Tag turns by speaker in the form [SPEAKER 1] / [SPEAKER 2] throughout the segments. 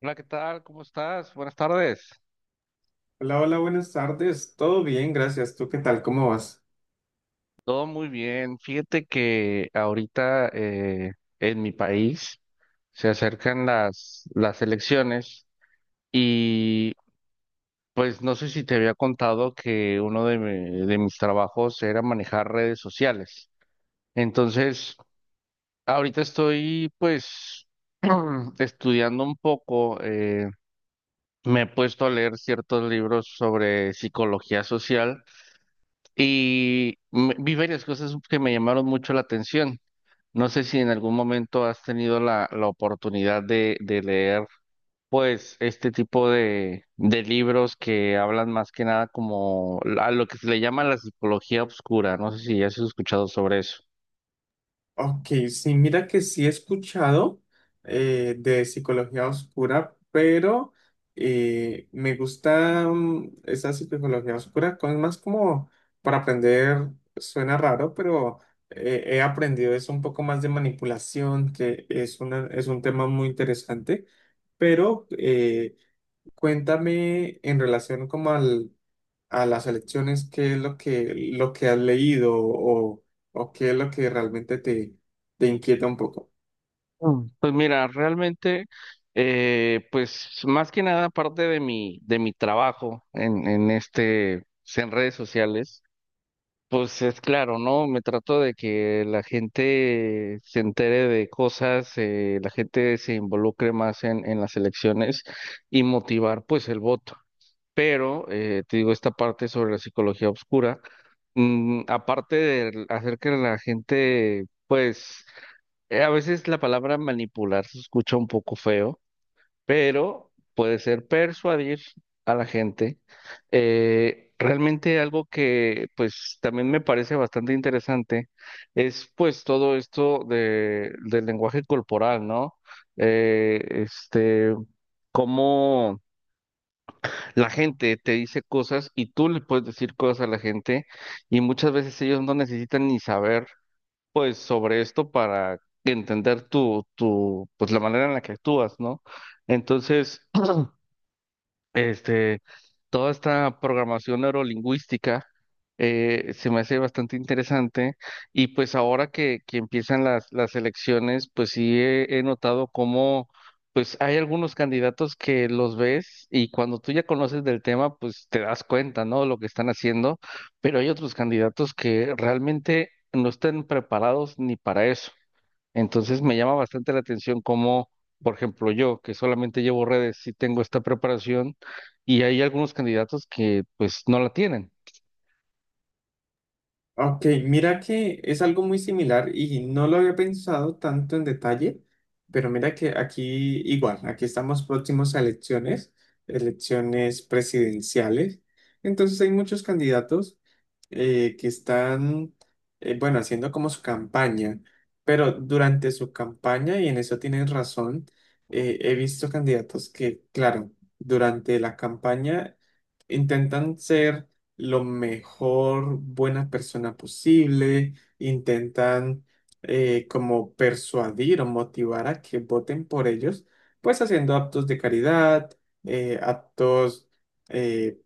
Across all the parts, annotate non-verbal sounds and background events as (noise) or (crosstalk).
[SPEAKER 1] Hola, ¿qué tal? ¿Cómo estás? Buenas tardes.
[SPEAKER 2] Hola, buenas tardes. Todo bien, gracias. ¿Tú qué tal? ¿Cómo vas?
[SPEAKER 1] Todo muy bien. Fíjate que ahorita en mi país se acercan las elecciones y pues no sé si te había contado que de mis trabajos era manejar redes sociales. Entonces, ahorita estoy pues (clears throat) estudiando un poco, me he puesto a leer ciertos libros sobre psicología social. Vi varias cosas que me llamaron mucho la atención. No sé si en algún momento has tenido la oportunidad de leer, pues, este tipo de libros que hablan más que nada como a lo que se le llama la psicología oscura. No sé si has escuchado sobre eso.
[SPEAKER 2] Ok, sí, mira que sí he escuchado de psicología oscura, pero me gusta esa psicología oscura, con más como para aprender, suena raro, pero he aprendido eso un poco más de manipulación, que es un tema muy interesante, pero cuéntame en relación como a las elecciones, qué es lo que has leído o qué es lo que realmente te inquieta un poco.
[SPEAKER 1] Mm. Pues mira, realmente, pues más que nada aparte de de mi trabajo en este, en redes sociales. Pues es claro, ¿no? Me trato de que la gente se entere de cosas, la gente se involucre más en las elecciones y motivar pues el voto. Pero, te digo, esta parte sobre la psicología oscura, aparte de hacer que la gente, pues, a veces la palabra manipular se escucha un poco feo, pero puede ser persuadir a la gente. Realmente algo que pues también me parece bastante interesante es pues todo esto de, del lenguaje corporal, ¿no? Eh, este, cómo la gente te dice cosas y tú le puedes decir cosas a la gente, y muchas veces ellos no necesitan ni saber pues sobre esto para entender pues la manera en la que actúas, ¿no? Entonces, (clears throat) Este, toda esta programación neurolingüística se me hace bastante interesante. Y pues ahora que empiezan las elecciones, pues sí he notado cómo pues hay algunos candidatos que los ves, y cuando tú ya conoces del tema, pues te das cuenta, ¿no? Lo que están haciendo, pero hay otros candidatos que realmente no están preparados ni para eso. Entonces me llama bastante la atención cómo, por ejemplo, yo que solamente llevo redes, sí tengo esta preparación, y hay algunos candidatos que pues no la tienen.
[SPEAKER 2] Ok, mira que es algo muy similar y no lo había pensado tanto en detalle, pero mira que aquí igual, aquí estamos próximos a elecciones, elecciones presidenciales. Entonces hay muchos candidatos que bueno, haciendo como su campaña, pero durante su campaña, y en eso tienen razón, he visto candidatos que, claro, durante la campaña intentan ser lo mejor buena persona posible, intentan como persuadir o motivar a que voten por ellos, pues haciendo actos de caridad, actos eh,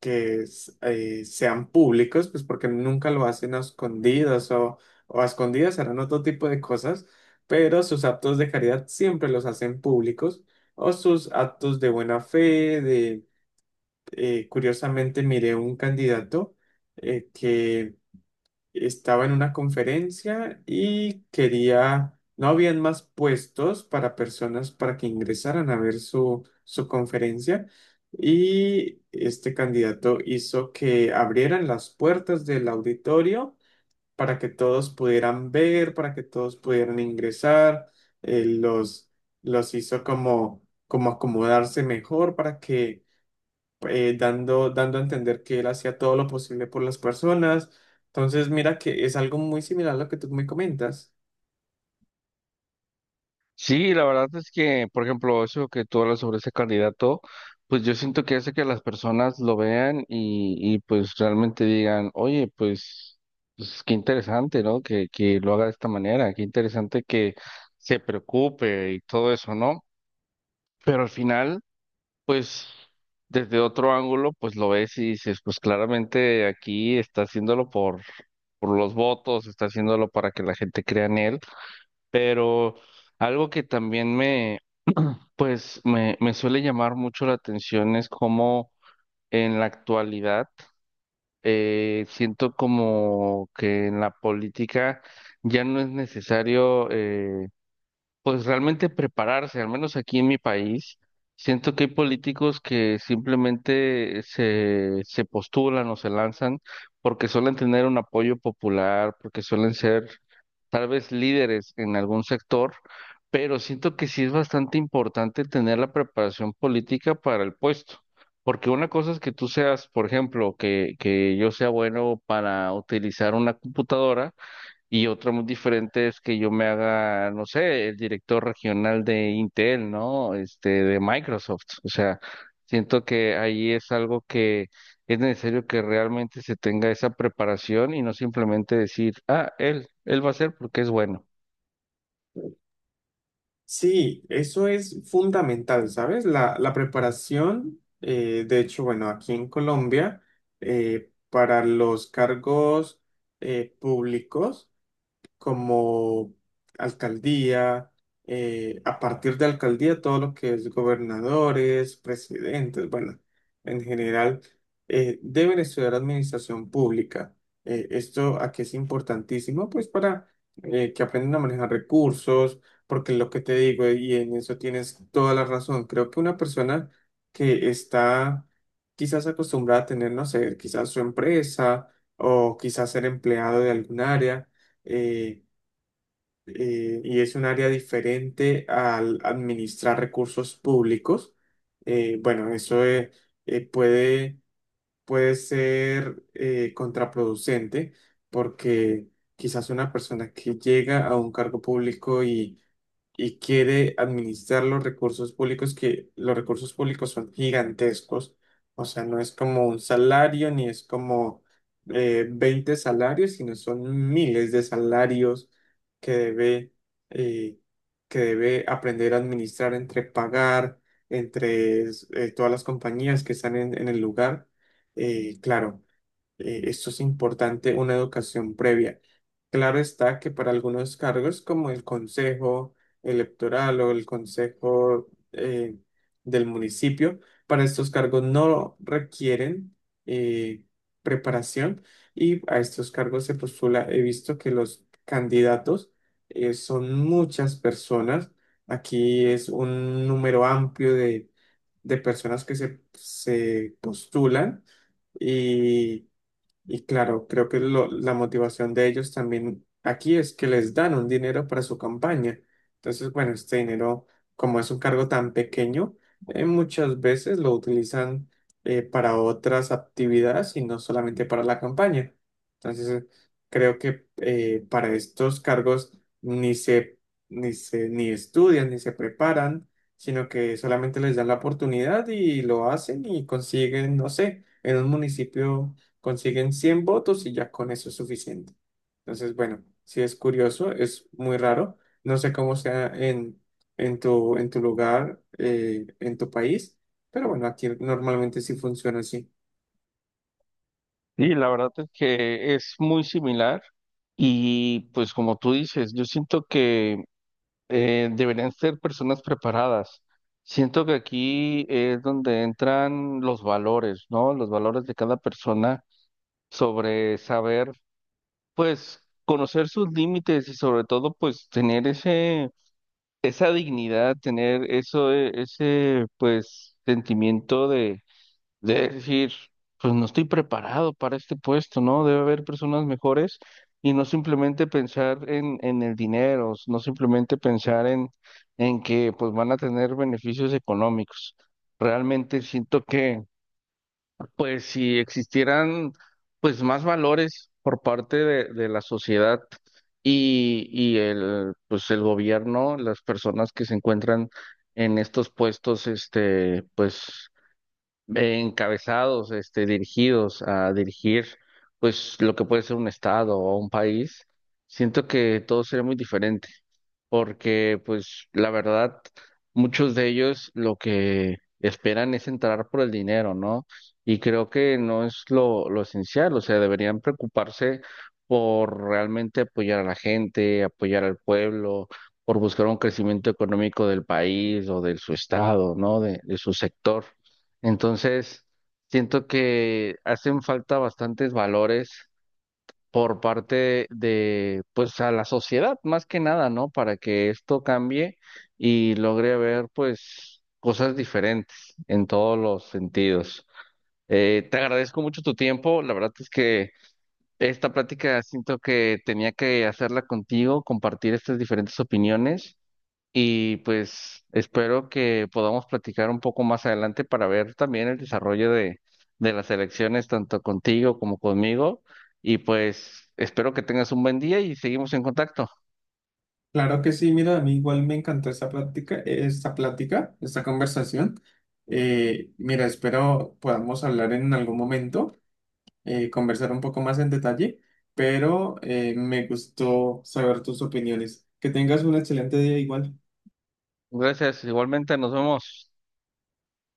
[SPEAKER 2] que sean públicos, pues porque nunca lo hacen a escondidas o a escondidas harán otro tipo de cosas, pero sus actos de caridad siempre los hacen públicos o sus actos de buena fe. Curiosamente miré un candidato que estaba en una conferencia y quería, no habían más puestos para personas para que ingresaran a ver su conferencia y este candidato hizo que abrieran las puertas del auditorio para que todos pudieran ver, para que todos pudieran ingresar, eh, los, los hizo como acomodarse mejor para que dando a entender que él hacía todo lo posible por las personas. Entonces, mira que es algo muy similar a lo que tú me comentas.
[SPEAKER 1] Sí, la verdad es que, por ejemplo, eso que tú hablas sobre ese candidato, pues yo siento que hace que las personas lo vean, y pues realmente digan: oye, pues, pues qué interesante, ¿no? Que lo haga de esta manera, qué interesante que se preocupe y todo eso, ¿no? Pero al final... pues desde otro ángulo, pues lo ves y dices, pues claramente aquí está haciéndolo por los votos, está haciéndolo para que la gente crea en él. Pero algo que también pues me suele llamar mucho la atención es cómo en la actualidad siento como que en la política ya no es necesario pues realmente prepararse, al menos aquí en mi país. Siento que hay políticos que simplemente se postulan o se lanzan porque suelen tener un apoyo popular, porque suelen ser tal vez líderes en algún sector, pero siento que sí es bastante importante tener la preparación política para el puesto, porque una cosa es que tú seas, por ejemplo, que yo sea bueno para utilizar una computadora. Y otra muy diferente es que yo me haga, no sé, el director regional de Intel, ¿no? Este, de Microsoft. O sea, siento que ahí es algo que es necesario que realmente se tenga esa preparación, y no simplemente decir: ah, él va a ser porque es bueno.
[SPEAKER 2] Sí, eso es fundamental, ¿sabes? La preparación, de hecho, bueno, aquí en Colombia, para los cargos públicos, como alcaldía, a partir de alcaldía todo lo que es gobernadores, presidentes, bueno, en general, deben estudiar administración pública. Esto aquí es importantísimo, pues para que aprendan a manejar recursos, porque lo que te digo, y en eso tienes toda la razón, creo que una persona que está quizás acostumbrada a tener, no sé, quizás su empresa o quizás ser empleado de algún área, eh, y es un área diferente al administrar recursos públicos. Bueno, eso eh, puede, puede ser contraproducente porque quizás una persona que llega a un cargo público y quiere administrar los recursos públicos, que los recursos públicos son gigantescos. O sea, no es como un salario ni es como 20 salarios, sino son miles de salarios que debe, eh, que debe aprender a administrar entre pagar, entre todas las compañías que están en el lugar. Claro. Esto es importante, una educación previa. Claro está que para algunos cargos como el Consejo Electoral o el Consejo del municipio, para estos cargos no requieren eh, preparación y a estos cargos se postula, he visto que los candidatos son muchas personas. Aquí es un número amplio de personas que se postulan y y claro, creo que la motivación de ellos también aquí es que les dan un dinero para su campaña. Entonces, bueno, este dinero, como es un cargo tan pequeño, muchas veces lo utilizan para otras actividades y no solamente para la campaña. Entonces, creo que para estos cargos ni se, ni estudian, ni se preparan, sino que solamente les dan la oportunidad y lo hacen y consiguen, no sé, en un municipio consiguen 100 votos y ya con eso es suficiente. Entonces, bueno, sí es curioso, es muy raro. No sé cómo sea en en tu lugar, en tu país, pero bueno, aquí normalmente sí funciona así.
[SPEAKER 1] Y la verdad es que es muy similar. Y pues como tú dices, yo siento que deberían ser personas preparadas. Siento que aquí es donde entran los valores, ¿no? Los valores de cada persona sobre saber, pues, conocer sus límites, y sobre todo, pues, tener ese, esa dignidad, tener eso, ese, pues, sentimiento de decir, pues no estoy preparado para este puesto, ¿no? Debe haber personas mejores, y no simplemente pensar en el dinero, no simplemente pensar en que pues van a tener beneficios económicos. Realmente siento que pues si existieran pues más valores por parte de la sociedad y el pues el gobierno, las personas que se encuentran en estos puestos, este, pues encabezados, este, dirigidos a dirigir, pues lo que puede ser un estado o un país, siento que todo sería muy diferente, porque pues la verdad, muchos de ellos lo que esperan es entrar por el dinero, ¿no? Y creo que no es lo esencial, o sea, deberían preocuparse por realmente apoyar a la gente, apoyar al pueblo, por buscar un crecimiento económico del país o de su estado, ¿no? De su sector. Entonces, siento que hacen falta bastantes valores por parte de, pues, a la sociedad, más que nada, ¿no? Para que esto cambie y logre ver, pues, cosas diferentes en todos los sentidos. Te agradezco mucho tu tiempo. La verdad es que esta plática siento que tenía que hacerla contigo, compartir estas diferentes opiniones. Y pues espero que podamos platicar un poco más adelante para ver también el desarrollo de las elecciones, tanto contigo como conmigo. Y pues espero que tengas un buen día y seguimos en contacto.
[SPEAKER 2] Claro que sí, mira, a mí igual me encantó esta plática, esta conversación. Mira, espero podamos hablar en algún momento, conversar un poco más en detalle, pero me gustó saber tus opiniones. Que tengas un excelente día igual.
[SPEAKER 1] Gracias, igualmente, nos vemos.